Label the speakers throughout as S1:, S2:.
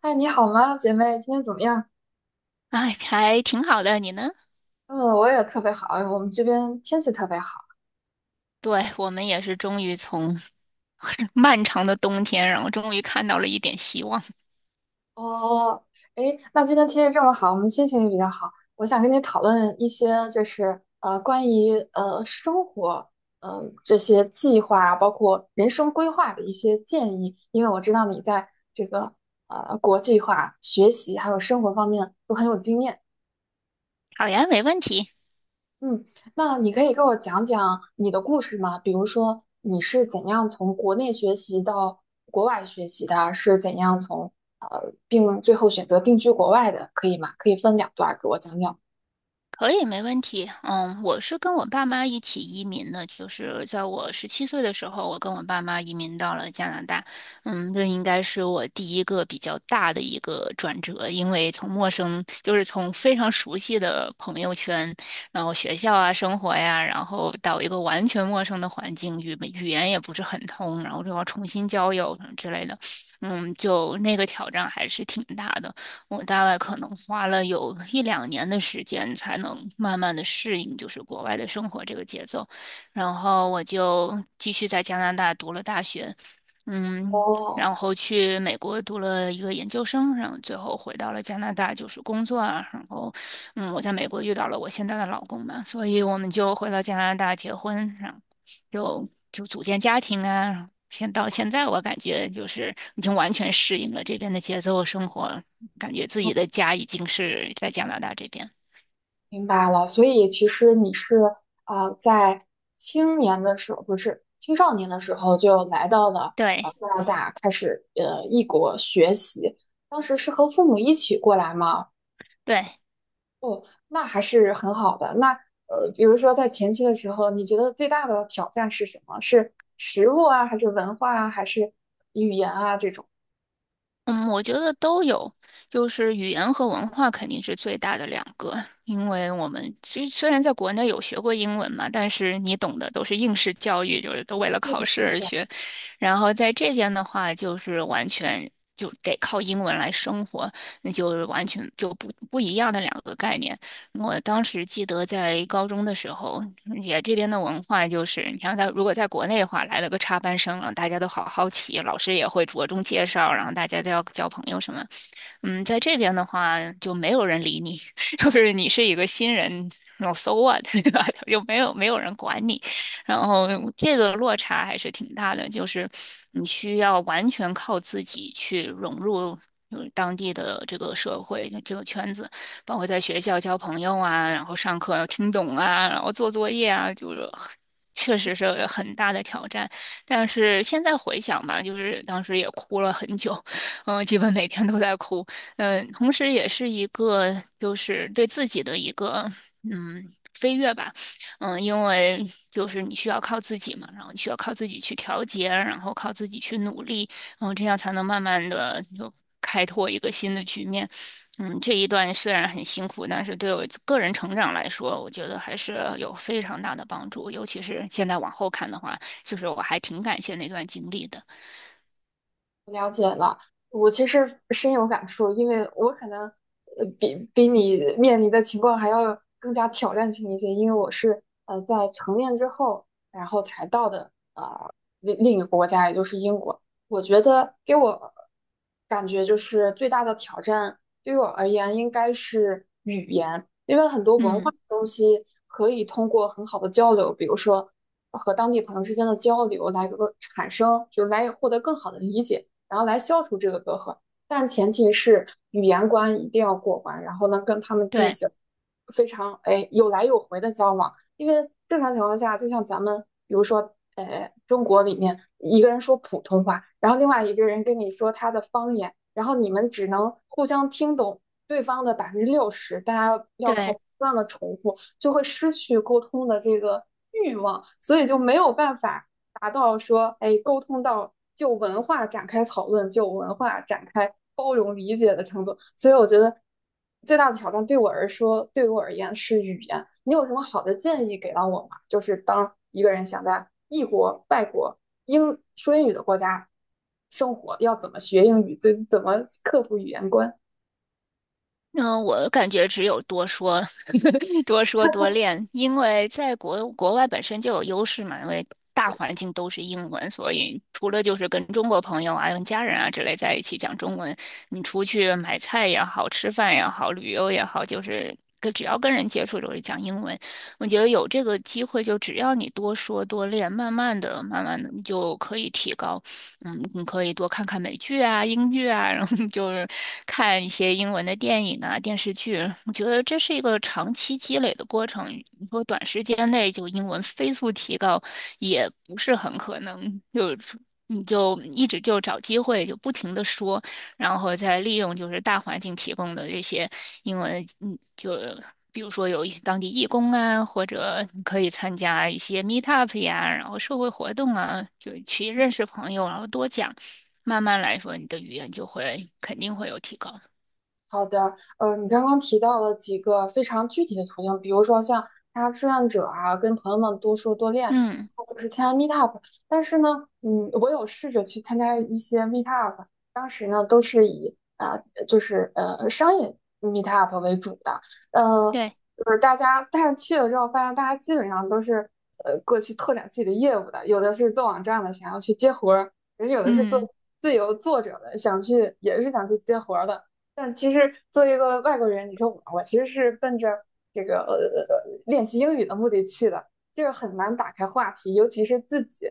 S1: 嗨，你好吗，姐妹？今天怎么样？
S2: 哎，还挺好的，你呢？
S1: 嗯，我也特别好。我们这边天气特别好。
S2: 对，我们也是终于从 漫长的冬天，然后终于看到了一点希望。
S1: 哦，诶，那今天天气这么好，我们心情也比较好。我想跟你讨论一些，就是关于生活，嗯、这些计划啊，包括人生规划的一些建议。因为我知道你在这个国际化、学习还有生活方面都很有经验。
S2: 好呀，没问题。
S1: 嗯，那你可以给我讲讲你的故事吗？比如说你是怎样从国内学习到国外学习的，是怎样从并最后选择定居国外的，可以吗？可以分两段儿给我讲讲。
S2: 可以，没问题。嗯，我是跟我爸妈一起移民的，就是在我十七岁的时候，我跟我爸妈移民到了加拿大。这应该是我第一个比较大的一个转折，因为从陌生，就是从非常熟悉的朋友圈，然后学校啊、生活呀，然后到一个完全陌生的环境，语言也不是很通，然后就要重新交友什么之类的。就那个挑战还是挺大的。我大概可能花了有一两年的时间，才能慢慢的适应就是国外的生活这个节奏。然后我就继续在加拿大读了大学，嗯，
S1: 哦，
S2: 然后去美国读了一个研究生，然后最后回到了加拿大就是工作啊。然后，嗯，我在美国遇到了我现在的老公嘛，所以我们就回到加拿大结婚，然后就组建家庭啊，到现在，我感觉就是已经完全适应了这边的节奏生活，感觉自己的家已经是在加拿大这边。
S1: 明白了。所以其实你是在青年的时候，不是青少年的时候就来到了
S2: 对
S1: 异国学习，当时是和父母一起过来吗？
S2: 对，
S1: 哦，那还是很好的。那比如说在前期的时候，你觉得最大的挑战是什么？是食物啊，还是文化啊，还是
S2: 嗯，我觉得都有，就是语言和文化肯定是最大的两个，因为我们其实虽然在国内有学过英文嘛，但是你懂的都是应试教育，就是都为了考试而学，然后在这边的话，就是完全就得靠英文来生活，那就是完全就不一样的两个概念。我当时记得在高中的时候，这边的文化就是，你像在如果在国内的话，来了个插班生啊，大家都好好奇，老师也会着重介绍，然后大家都要交朋友什么。嗯，在这边的话就没有人理你，就是你是一个新人，老 so what，对吧？就没有人管你，然后这个落差还是挺大的，就是你需要完全靠自己去融入。就是当地的这个社会，这个圈子，包括在学校交朋友啊，然后上课要听懂啊，然后做作业啊，就是确实是很大的挑战。但是现在回想吧，就是当时也哭了很久，嗯，基本每天都在哭，嗯，同时也是一个就是对自己的一个嗯飞跃吧，嗯，因为就是你需要靠自己嘛，然后你需要靠自己去调节，然后靠自己去努力，然后这样才能慢慢的就开拓一个新的局面。嗯，这一段虽然很辛苦，但是对我个人成长来说，我觉得还是有非常大的帮助。尤其是现在往后看的话，就是我还挺感谢那段经历的。
S1: 了解了，我其实深有感触，因为我可能比你面临的情况还要更加挑战性一些，因为我是在成年之后，然后才到的另一个国家，也就是英国。我觉得给我感觉就是最大的挑战，对于我而言应该是语言，因为很多文化
S2: 嗯，
S1: 的东西可以通过很好的交流，比如说和当地朋友之间的交流来个产生，就是来获得更好的理解。然后来消除这个隔阂。但前提是语言关一定要过关，然后呢跟他们进
S2: 对
S1: 行非常有来有回的交往，因为正常情况下，就像咱们比如说中国里面一个人说普通话，然后另外一个人跟你说他的方言，然后你们只能互相听懂对方的60%，大家要靠
S2: 对。
S1: 不断的重复，就会失去沟通的这个欲望，所以就没有办法达到说，哎，沟通到就文化展开讨论，就文化展开包容理解的程度。所以我觉得最大的挑战对我而说，对我而言是语言。你有什么好的建议给到我吗？就是当一个人想在异国、外国、英说英语的国家生活，要怎么学英语，怎么克服语言关？
S2: 嗯，我感觉只有多说，多说多练，因为在国外本身就有优势嘛，因为大环境都是英文，所以除了就是跟中国朋友啊、跟家人啊之类在一起讲中文，你出去买菜也好、吃饭也好、旅游也好，就是跟只要跟人接触都是讲英文。我觉得有这个机会，就只要你多说多练，慢慢的，你就可以提高。嗯，你可以多看看美剧啊、英剧啊，然后就是看一些英文的电影啊、电视剧。我觉得这是一个长期积累的过程。你说短时间内就英文飞速提高，也不是很可能。就是你就一直就找机会，就不停的说，然后再利用就是大环境提供的这些因为就比如说有一当地义工啊，或者你可以参加一些 meet up 呀，然后社会活动啊，就去认识朋友，然后多讲，慢慢来说，你的语言就会肯定会有提高。
S1: 好的，你刚刚提到了几个非常具体的途径，比如说像参加志愿者啊，跟朋友们多说多练，
S2: 嗯，
S1: 或者是参加 meetup。但是呢，嗯，我有试着去参加一些 meetup，当时呢都是以就是商业 meetup 为主的，呃，
S2: 对，
S1: 就是大家，但是去了之后发现大家基本上都是过去拓展自己的业务的，有的是做网站的，想要去接活儿，人有的是做
S2: 嗯，
S1: 自由作者的，想去也是想去接活儿的。但其实作为一个外国人，你说我，我其实是奔着这个练习英语的目的去的，就是很难打开话题，尤其是自己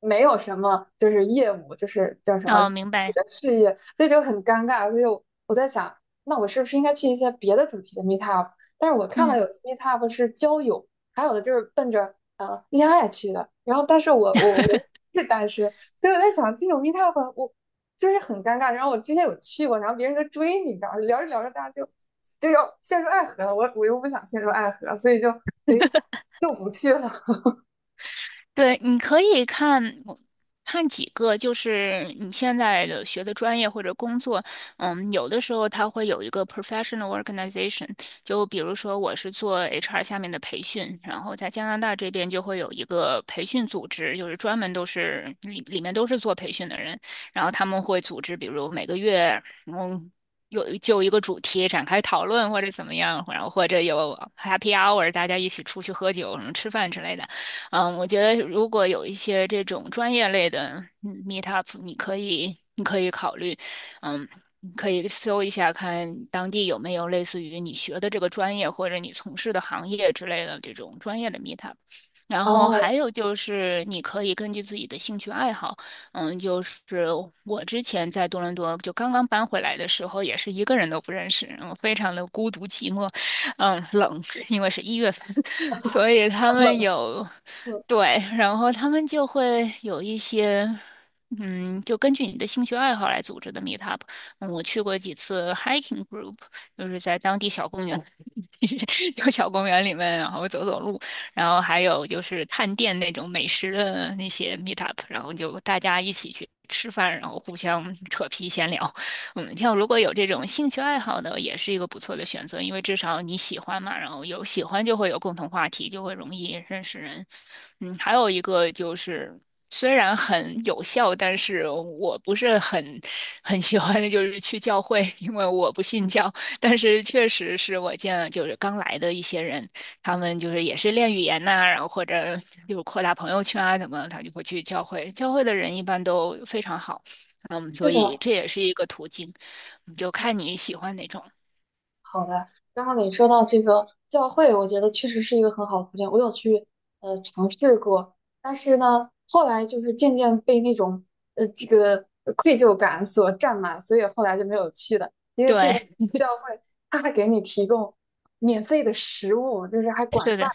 S1: 没有什么就是业务，就是叫什
S2: 哦，
S1: 么
S2: 明白，
S1: 事业，所以就很尴尬。所以我在想，那我是不是应该去一些别的主题的 meetup？但是我看到
S2: 嗯。
S1: 有 meetup 是交友，还有的就是奔着恋爱去的。然后，但是我是单身，所以我在想，这种 meetup 我就是很尴尬。然后我之前有去过，然后别人就追你，你知道吗，聊着聊着大家就就要陷入爱河了。我又不想陷入爱河，所以就哎就不去了。
S2: 对，你可以看看几个，就是你现在的学的专业或者工作，嗯，有的时候它会有一个 professional organization，就比如说我是做 HR 下面的培训，然后在加拿大这边就会有一个培训组织，就是专门都是里面都是做培训的人，然后他们会组织，比如每个月，嗯。有就一个主题展开讨论，或者怎么样，然后或者有 happy hour，大家一起出去喝酒、什么吃饭之类的。嗯，我觉得如果有一些这种专业类的嗯 meetup，你可以考虑，嗯，你可以搜一下看当地有没有类似于你学的这个专业或者你从事的行业之类的这种专业的 meetup。然后
S1: 哦，
S2: 还有就是，你可以根据自己的兴趣爱好，就是我之前在多伦多就刚刚搬回来的时候，也是一个人都不认识，嗯，非常的孤独寂寞。嗯，冷，因为是一月份，所以他
S1: 很
S2: 们
S1: 冷。
S2: 有，
S1: 嗯，
S2: 对，然后他们就会有一些，嗯，就根据你的兴趣爱好来组织的 meetup。嗯，我去过几次 hiking group，就是在当地小公园，有小公园里面，然后走走路，然后还有就是探店那种美食的那些 meetup，然后就大家一起去吃饭，然后互相扯皮闲聊。嗯，像如果有这种兴趣爱好的，也是一个不错的选择，因为至少你喜欢嘛，然后有喜欢就会有共同话题，就会容易认识人。嗯，还有一个就是，虽然很有效，但是我不是很喜欢的就是去教会，因为我不信教。但是确实是我见了就是刚来的一些人，他们就是也是练语言呐、然后或者就是扩大朋友圈啊，怎么，他就会去教会。教会的人一般都非常好。嗯，
S1: 是
S2: 所以
S1: 的，
S2: 这也是一个途径，你就看你喜欢哪种。
S1: 好的，刚刚你说到这个教会，我觉得确实是一个很好的途径。我有去尝试过，但是呢，后来就是渐渐被那种呃这个愧疚感所占满，所以后来就没有去了。因为这
S2: 对，
S1: 边教会他还给你提供免费的食物，就是还 管
S2: 是
S1: 饭，
S2: 的，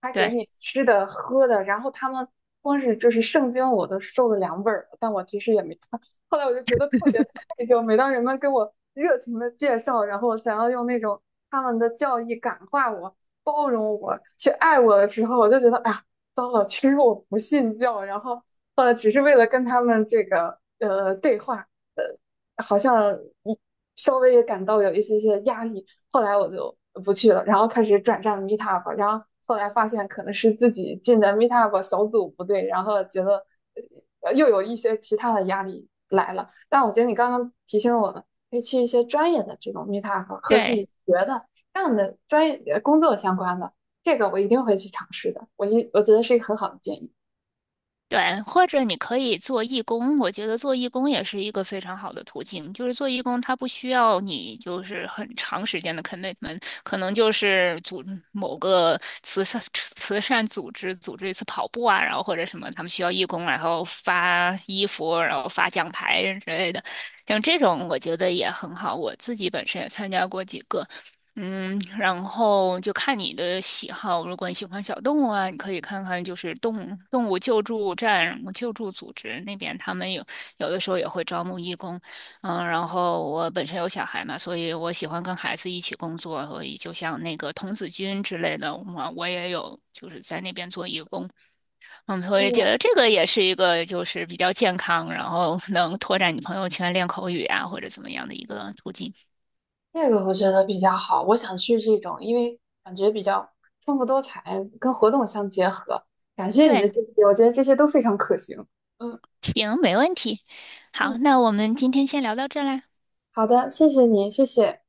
S1: 还给
S2: 对
S1: 你吃的喝的。然后他们光是就是圣经我都受了两本儿了但我其实也没看。后来我就觉得特别。退休，每当人们跟我热情的介绍，然后想要用那种他们的教义感化我、包容我、去爱我的时候，我就觉得，哎呀，糟了，其实我不信教，然后只是为了跟他们这个对话，好像一稍微也感到有一些些压力，后来我就不去了，然后开始转战 Meetup，然后后来发现可能是自己进的 Meetup 小组不对，然后觉得又有一些其他的压力来了。但我觉得你刚刚提醒我们，可以去一些专业的这种 Meetup 和自
S2: 对
S1: 己学的干的专业工作相关的，这个我一定会去尝试的。我觉得是一个很好的建议。
S2: 对，或者你可以做义工，我觉得做义工也是一个非常好的途径。就是做义工，它不需要你就是很长时间的 commitment，可能就是组某个慈善组织组织一次跑步啊，然后或者什么，他们需要义工，然后发衣服，然后发奖牌之类的。像这种，我觉得也很好。我自己本身也参加过几个。嗯，然后就看你的喜好。如果你喜欢小动物啊，你可以看看就是动物救助站、救助组织那边，他们有有的时候也会招募义工。嗯，然后我本身有小孩嘛，所以我喜欢跟孩子一起工作，所以就像那个童子军之类的，我也有就是在那边做义工。嗯，我也觉
S1: 嗯，
S2: 得这个也是一个就是比较健康，然后能拓展你朋友圈、练口语啊或者怎么样的一个途径。
S1: 这个我觉得比较好，我想去这种，因为感觉比较丰富多彩，跟活动相结合。感谢你的
S2: 对，
S1: 建议，我觉得这些都非常可行。嗯
S2: 行，没问题。好，
S1: 嗯，
S2: 那我们今天先聊到这儿啦，
S1: 好的，谢谢你，谢谢，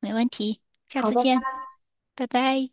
S2: 没问题，下
S1: 好
S2: 次
S1: 的。
S2: 见，拜拜。